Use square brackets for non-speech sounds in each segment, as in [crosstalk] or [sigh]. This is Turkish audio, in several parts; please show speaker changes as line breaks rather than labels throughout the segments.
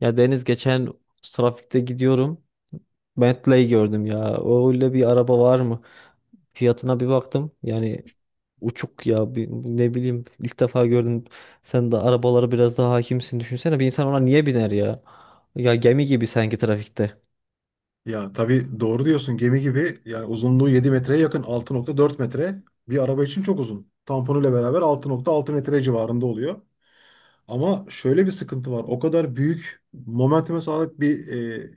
Ya Deniz geçen trafikte gidiyorum. Bentley gördüm ya. Öyle bir araba var mı? Fiyatına bir baktım. Yani uçuk ya. Ne bileyim ilk defa gördüm. Sen de arabalara biraz daha hakimsin. Düşünsene bir insan ona niye biner ya? Ya gemi gibi sanki trafikte.
Ya tabii doğru diyorsun, gemi gibi. Yani uzunluğu 7 metreye yakın, 6,4 metre bir araba için çok uzun. Tamponuyla beraber 6,6 metre civarında oluyor. Ama şöyle bir sıkıntı var. O kadar büyük momentume sahip bir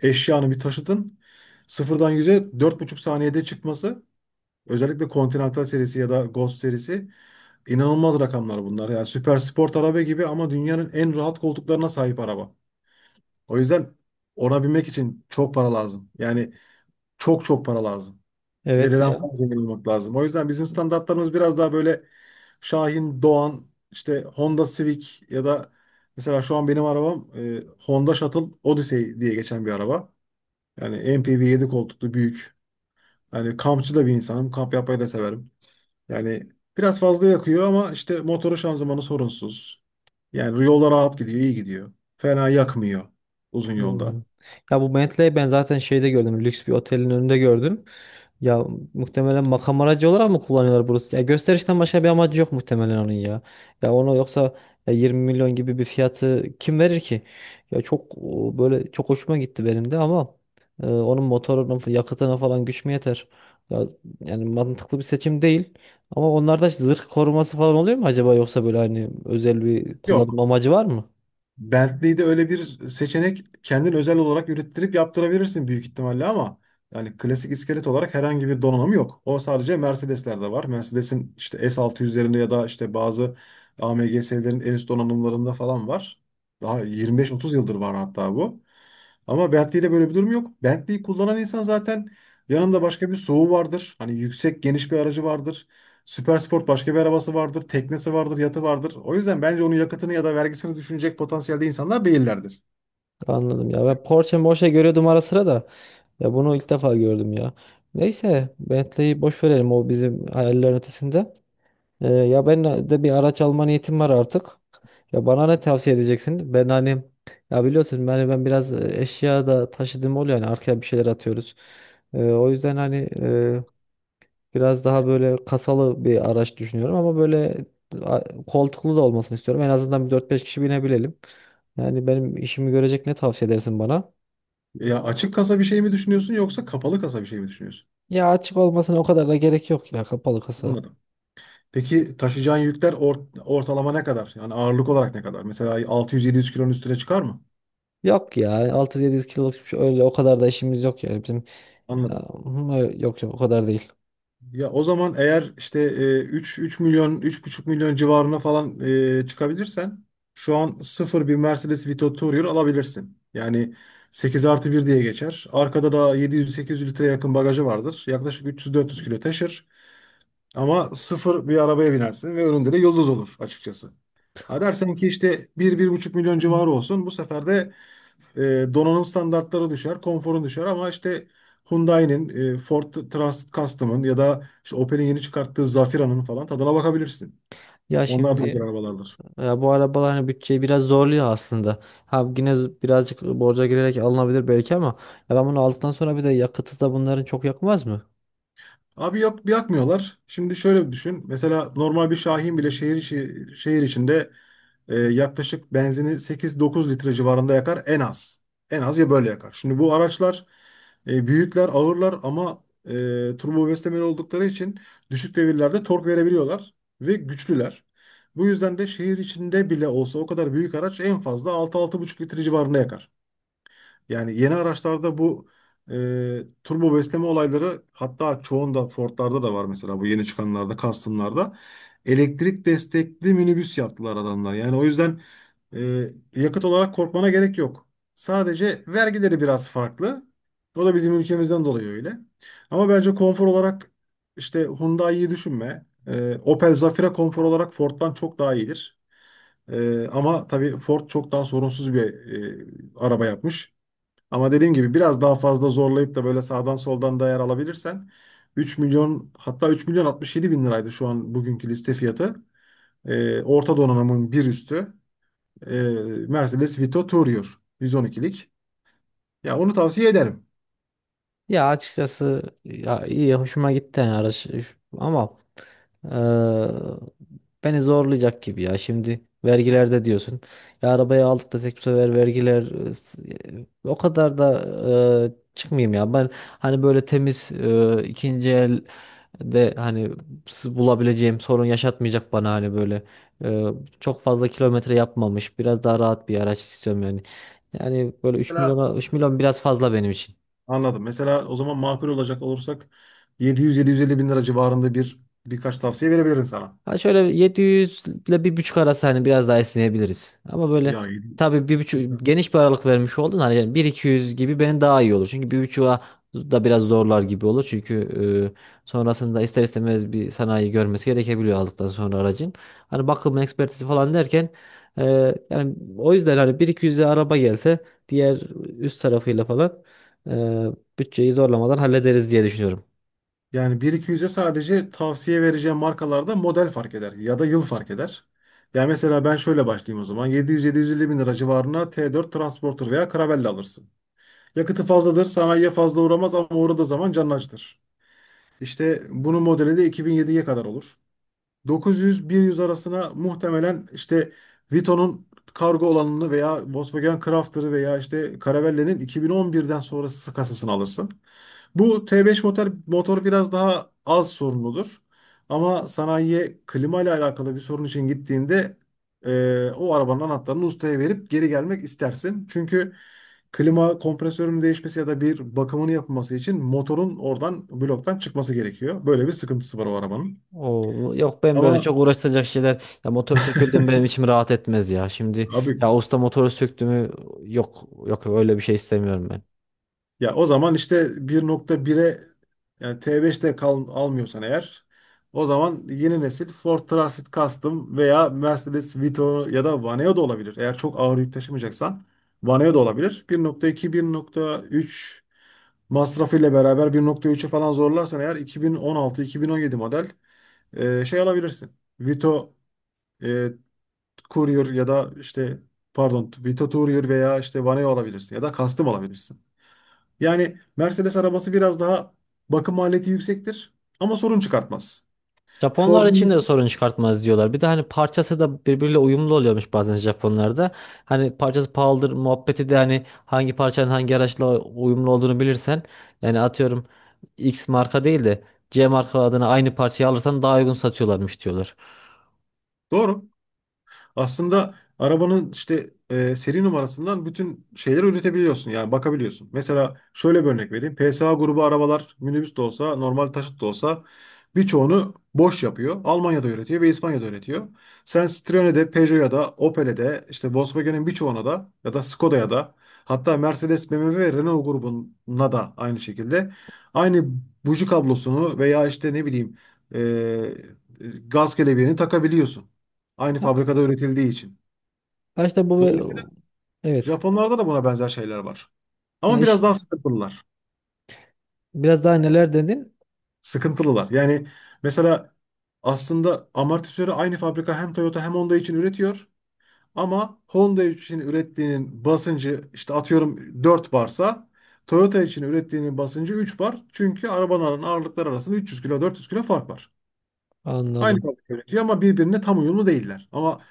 eşyanın, bir taşıtın 0'dan 100'e 4,5 saniyede çıkması, özellikle Continental serisi ya da Ghost serisi, inanılmaz rakamlar bunlar. Yani süper sport araba gibi ama dünyanın en rahat koltuklarına sahip araba. O yüzden ona binmek için çok para lazım. Yani çok çok para lazım.
Evet
Dededen
ya.
falan zengin olmak lazım. O yüzden bizim standartlarımız biraz daha böyle Şahin, Doğan, işte Honda Civic ya da mesela şu an benim arabam Honda Shuttle Odyssey diye geçen bir araba. Yani MPV, 7 koltuklu, büyük. Yani kampçı da bir insanım. Kamp yapmayı da severim. Yani biraz fazla yakıyor ama işte motoru, şanzımanı sorunsuz. Yani yolda rahat gidiyor, iyi gidiyor. Fena yakmıyor uzun
Hmm.
yolda.
Ya bu Bentley'i ben zaten şeyde gördüm. Lüks bir otelin önünde gördüm. Ya muhtemelen makam aracı olarak mı kullanıyorlar burası? Ya gösterişten başka bir amacı yok muhtemelen onun ya. Ya onu yoksa ya 20 milyon gibi bir fiyatı kim verir ki? Ya çok o, böyle çok hoşuma gitti benim de ama onun motorunun yakıtına falan güç mü yeter? Ya yani mantıklı bir seçim değil. Ama onlarda zırh koruması falan oluyor mu acaba yoksa böyle hani özel bir kullanım
Yok.
amacı var mı?
Bentley'de öyle bir seçenek, kendin özel olarak ürettirip yaptırabilirsin büyük ihtimalle ama yani klasik iskelet olarak herhangi bir donanım yok. O sadece Mercedes'lerde var. Mercedes'in işte S600'lerinde ya da işte bazı AMG'lerin en üst donanımlarında falan var. Daha 25-30 yıldır var hatta bu. Ama Bentley'de böyle bir durum yok. Bentley'i kullanan insan zaten yanında başka bir SUV vardır. Hani yüksek, geniş bir aracı vardır. Süpersport başka bir arabası vardır, teknesi vardır, yatı vardır. O yüzden bence onun yakıtını ya da vergisini düşünecek potansiyelde insanlar değillerdir.
Anladım ya. Ben Porsche Morsche görüyordum ara sıra da. Ya bunu ilk defa gördüm ya. Neyse Bentley'i boş verelim, o bizim hayallerin ötesinde. Ya ben de bir araç alma niyetim var artık. Ya bana ne tavsiye edeceksin? Ben hani ya biliyorsun ben biraz eşya da taşıdığım oluyor, yani arkaya bir şeyler atıyoruz. O yüzden hani e, biraz daha böyle kasalı bir araç düşünüyorum ama böyle koltuklu da olmasını istiyorum. En azından bir dört beş kişi binebilelim. Yani benim işimi görecek ne tavsiye edersin bana?
Ya açık kasa bir şey mi düşünüyorsun yoksa kapalı kasa bir şey mi düşünüyorsun?
Ya açık olmasına o kadar da gerek yok, ya kapalı kasa.
Anladım. Peki taşıyacağın yükler ortalama ne kadar? Yani ağırlık olarak ne kadar? Mesela 600-700 kilonun üstüne çıkar mı?
Yok ya, altı yedi yüz kiloluk bir şey, öyle o kadar da işimiz yok yani bizim. Ya,
Anladım.
hı, yok yok o kadar değil.
Ya o zaman, eğer işte 3 milyon, 3,5 milyon civarına falan çıkabilirsen, şu an sıfır bir Mercedes Vito Tourer alabilirsin. Yani 8 artı 1 diye geçer. Arkada da 700-800 litre yakın bagajı vardır. Yaklaşık 300-400 kilo taşır. Ama sıfır bir arabaya binersin ve önünde de yıldız olur açıkçası. Ha dersen ki işte 1 buçuk milyon civarı olsun, bu sefer de donanım standartları düşer, konforun düşer ama işte Hyundai'nin, Ford Trans Custom'ın ya da işte Opel'in yeni çıkarttığı Zafira'nın falan tadına bakabilirsin.
Ya
Onlar da
şimdi
güzel arabalardır.
ya bu arabalar hani bütçeyi biraz zorluyor aslında. Ha yine birazcık borca girerek alınabilir belki ama ya ben bunu aldıktan sonra bir de yakıtı da bunların çok yakmaz mı?
Abi, yok, yakmıyorlar. Şimdi şöyle bir düşün. Mesela normal bir Şahin bile şehir içinde yaklaşık benzini 8-9 litre civarında yakar en az. En az ya, böyle yakar. Şimdi bu araçlar büyükler, ağırlar ama turbo beslemeli oldukları için düşük devirlerde tork verebiliyorlar ve güçlüler. Bu yüzden de şehir içinde bile olsa o kadar büyük araç en fazla 6-6,5 litre civarında yakar. Yani yeni araçlarda bu e, turbo besleme olayları, hatta çoğunda, Ford'larda da var mesela, bu yeni çıkanlarda, Custom'larda elektrik destekli minibüs yaptılar adamlar. Yani o yüzden e, yakıt olarak korkmana gerek yok. Sadece vergileri biraz farklı. O da bizim ülkemizden dolayı öyle. Ama bence konfor olarak işte Hyundai'yi düşünme. Opel Zafira konfor olarak Ford'dan çok daha iyidir. Ama tabii Ford çok daha sorunsuz bir araba yapmış. Ama dediğim gibi biraz daha fazla zorlayıp da böyle sağdan soldan da yer alabilirsen, 3 milyon, hatta 3 milyon 67 bin liraydı şu an bugünkü liste fiyatı. Orta donanımın bir üstü, ee, Mercedes Vito Tourer 112'lik. Ya onu tavsiye ederim.
Ya açıkçası ya iyi hoşuma gitti yani araç ama eee, beni zorlayacak gibi. Ya şimdi vergilerde diyorsun, ya arabayı aldık desek bu sefer vergiler o kadar da çıkmayayım ya ben, hani böyle temiz ikinci el de hani bulabileceğim, sorun yaşatmayacak bana, hani böyle eee, çok fazla kilometre yapmamış biraz daha rahat bir araç istiyorum yani. Yani böyle 3
Mesela
milyona, 3 milyon biraz fazla benim için.
Anladım. Mesela o zaman, makul olacak olursak, 700-750 bin lira civarında bir, birkaç tavsiye verebilirim sana.
Ha şöyle 700 ile bir buçuk arası hani biraz daha esneyebiliriz. Ama böyle
Ya 700,
tabii bir buçuk geniş bir aralık vermiş oldun hani, yani bir iki yüz gibi benim daha iyi olur. Çünkü 1.5'a da biraz zorlar gibi olur. Çünkü sonrasında ister istemez bir sanayi görmesi gerekebiliyor aldıktan sonra aracın. Hani bakım ekspertizi falan derken e, yani o yüzden hani 1.200'e araba gelse diğer üst tarafıyla falan e, bütçeyi zorlamadan hallederiz diye düşünüyorum.
yani 1.200'e sadece tavsiye vereceğim markalarda model fark eder ya da yıl fark eder. Yani mesela ben şöyle başlayayım o zaman. 700-750 bin lira civarına T4 Transporter veya Caravelle alırsın. Yakıtı fazladır, sanayiye fazla uğramaz ama uğradığı zaman canını acıtır. İşte bunun modeli de 2007'ye kadar olur. 900-100 arasına muhtemelen işte Vito'nun kargo olanını veya Volkswagen Crafter'ı veya işte Caravella'nın 2011'den sonrası kasasını alırsın. Bu T5 motor, biraz daha az sorunludur. Ama sanayiye klima ile alakalı bir sorun için gittiğinde o arabanın anahtarını ustaya verip geri gelmek istersin. Çünkü klima kompresörünün değişmesi ya da bir bakımını yapılması için motorun oradan, bloktan çıkması gerekiyor. Böyle bir sıkıntısı var o arabanın.
Oo, yok ben böyle
Ama
çok uğraştıracak şeyler, ya motor söküldü
[laughs]
mü benim içim rahat etmez ya. Şimdi
abi,
ya usta motoru söktü mü, yok yok öyle bir şey istemiyorum ben.
ya o zaman işte 1.1'e, yani T5'te kal. Almıyorsan eğer, o zaman yeni nesil Ford Transit Custom veya Mercedes Vito ya da Vaneo da olabilir. Eğer çok ağır yük taşımayacaksan Vaneo da olabilir. 1.2, 1.3 masrafıyla beraber, 1.3'ü falan zorlarsan eğer 2016-2017 model şey alabilirsin. Vito e, Courier ya da işte, pardon, Vito Courier veya işte Vaneo alabilirsin ya da Custom alabilirsin. Yani Mercedes arabası biraz daha bakım maliyeti yüksektir ama sorun çıkartmaz.
Japonlar için de
Ford'un
sorun çıkartmaz diyorlar. Bir de hani parçası da birbiriyle uyumlu oluyormuş bazen Japonlarda. Hani parçası pahalıdır muhabbeti de, hani hangi parçanın hangi araçla uyumlu olduğunu bilirsen, yani atıyorum X marka değil de C marka adına aynı parçayı alırsan daha uygun satıyorlarmış diyorlar.
doğru. Aslında arabanın işte seri numarasından bütün şeyleri üretebiliyorsun. Yani bakabiliyorsun. Mesela şöyle bir örnek vereyim. PSA grubu arabalar, minibüs de olsa, normal taşıt da olsa, birçoğunu boş yapıyor. Almanya'da üretiyor ve İspanya'da üretiyor. Sen Citroen'e de, Peugeot'a da, Opel'e de, işte Volkswagen'in birçoğuna da, ya da Skoda'ya da, hatta Mercedes, BMW ve Renault grubuna da aynı şekilde aynı buji kablosunu veya işte, ne bileyim, gaz kelebeğini takabiliyorsun. Aynı
Ha
fabrikada üretildiği için.
ha, işte
Dolayısıyla
bu, evet.
Japonlarda da buna benzer şeyler var.
Ya
Ama
iş,
biraz daha sıkıntılılar.
biraz daha neler dedin?
Sıkıntılılar. Yani mesela aslında amortisörü aynı fabrika hem Toyota hem Honda için üretiyor. Ama Honda için ürettiğinin basıncı işte, atıyorum, 4 barsa, Toyota için ürettiğinin basıncı 3 bar. Çünkü arabaların ağırlıkları arasında 300 kilo, 400 kilo fark var. Aynı
Anladım.
fabrika üretiyor ama birbirine tam uyumlu değiller. Ama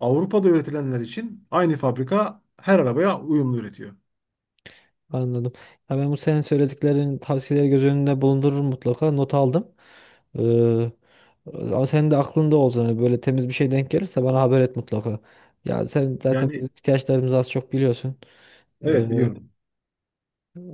Avrupa'da üretilenler için aynı fabrika her arabaya uyumlu üretiyor.
Anladım. Ya ben bu senin söylediklerin tavsiyeleri göz önünde bulundururum mutlaka. Not aldım. Ee, Ama senin de aklında olsun. Hani böyle temiz bir şey denk gelirse bana haber et mutlaka. Ya sen zaten bizim
Yani,
ihtiyaçlarımızı az çok biliyorsun.
evet
Ee,
biliyorum.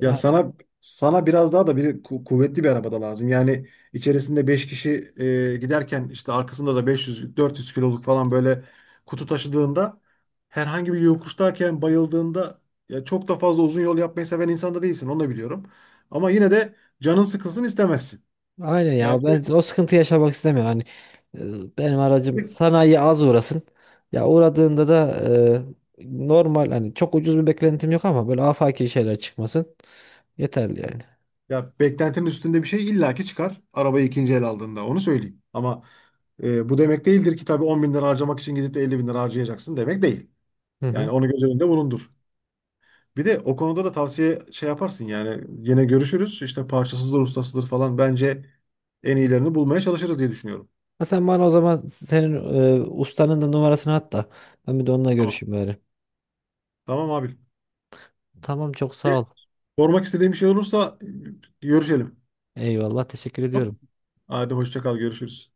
Ya
hani,
sana sana biraz daha da bir kuvvetli bir arabada lazım. Yani içerisinde 5 kişi giderken, işte arkasında da 500 400 kiloluk falan böyle kutu taşıdığında, herhangi bir yokuştayken bayıldığında, ya çok da fazla uzun yol yapmayı seven insan da değilsin, onu da biliyorum. Ama yine de canın sıkılsın istemezsin.
aynen
Yani
ya, ben o sıkıntı yaşamak istemiyorum. Hani benim
bir
aracım
de-
sanayi az uğrasın. Ya uğradığında da normal, hani çok ucuz bir beklentim yok ama böyle afaki şeyler çıkmasın. Yeterli yani.
Ya, beklentinin üstünde bir şey illaki çıkar arabayı ikinci el aldığında, onu söyleyeyim. Ama bu demek değildir ki tabii, 10 bin lira harcamak için gidip de 50 bin lira harcayacaksın demek değil.
Hı hı.
Yani onu göz önünde bulundur. Bir de o konuda da tavsiye şey yaparsın yani, yine görüşürüz işte, parçasızdır, ustasıdır falan, bence en iyilerini bulmaya çalışırız diye düşünüyorum.
Ha sen bana o zaman senin ustanın da numarasını at da ben bir de onunla
Tamam.
görüşeyim bari.
Tamam abi.
Tamam, çok
E,
sağ ol.
Sormak istediğim bir şey olursa görüşelim.
Eyvallah, teşekkür
Tamam.
ediyorum.
Hadi hoşça kal, görüşürüz.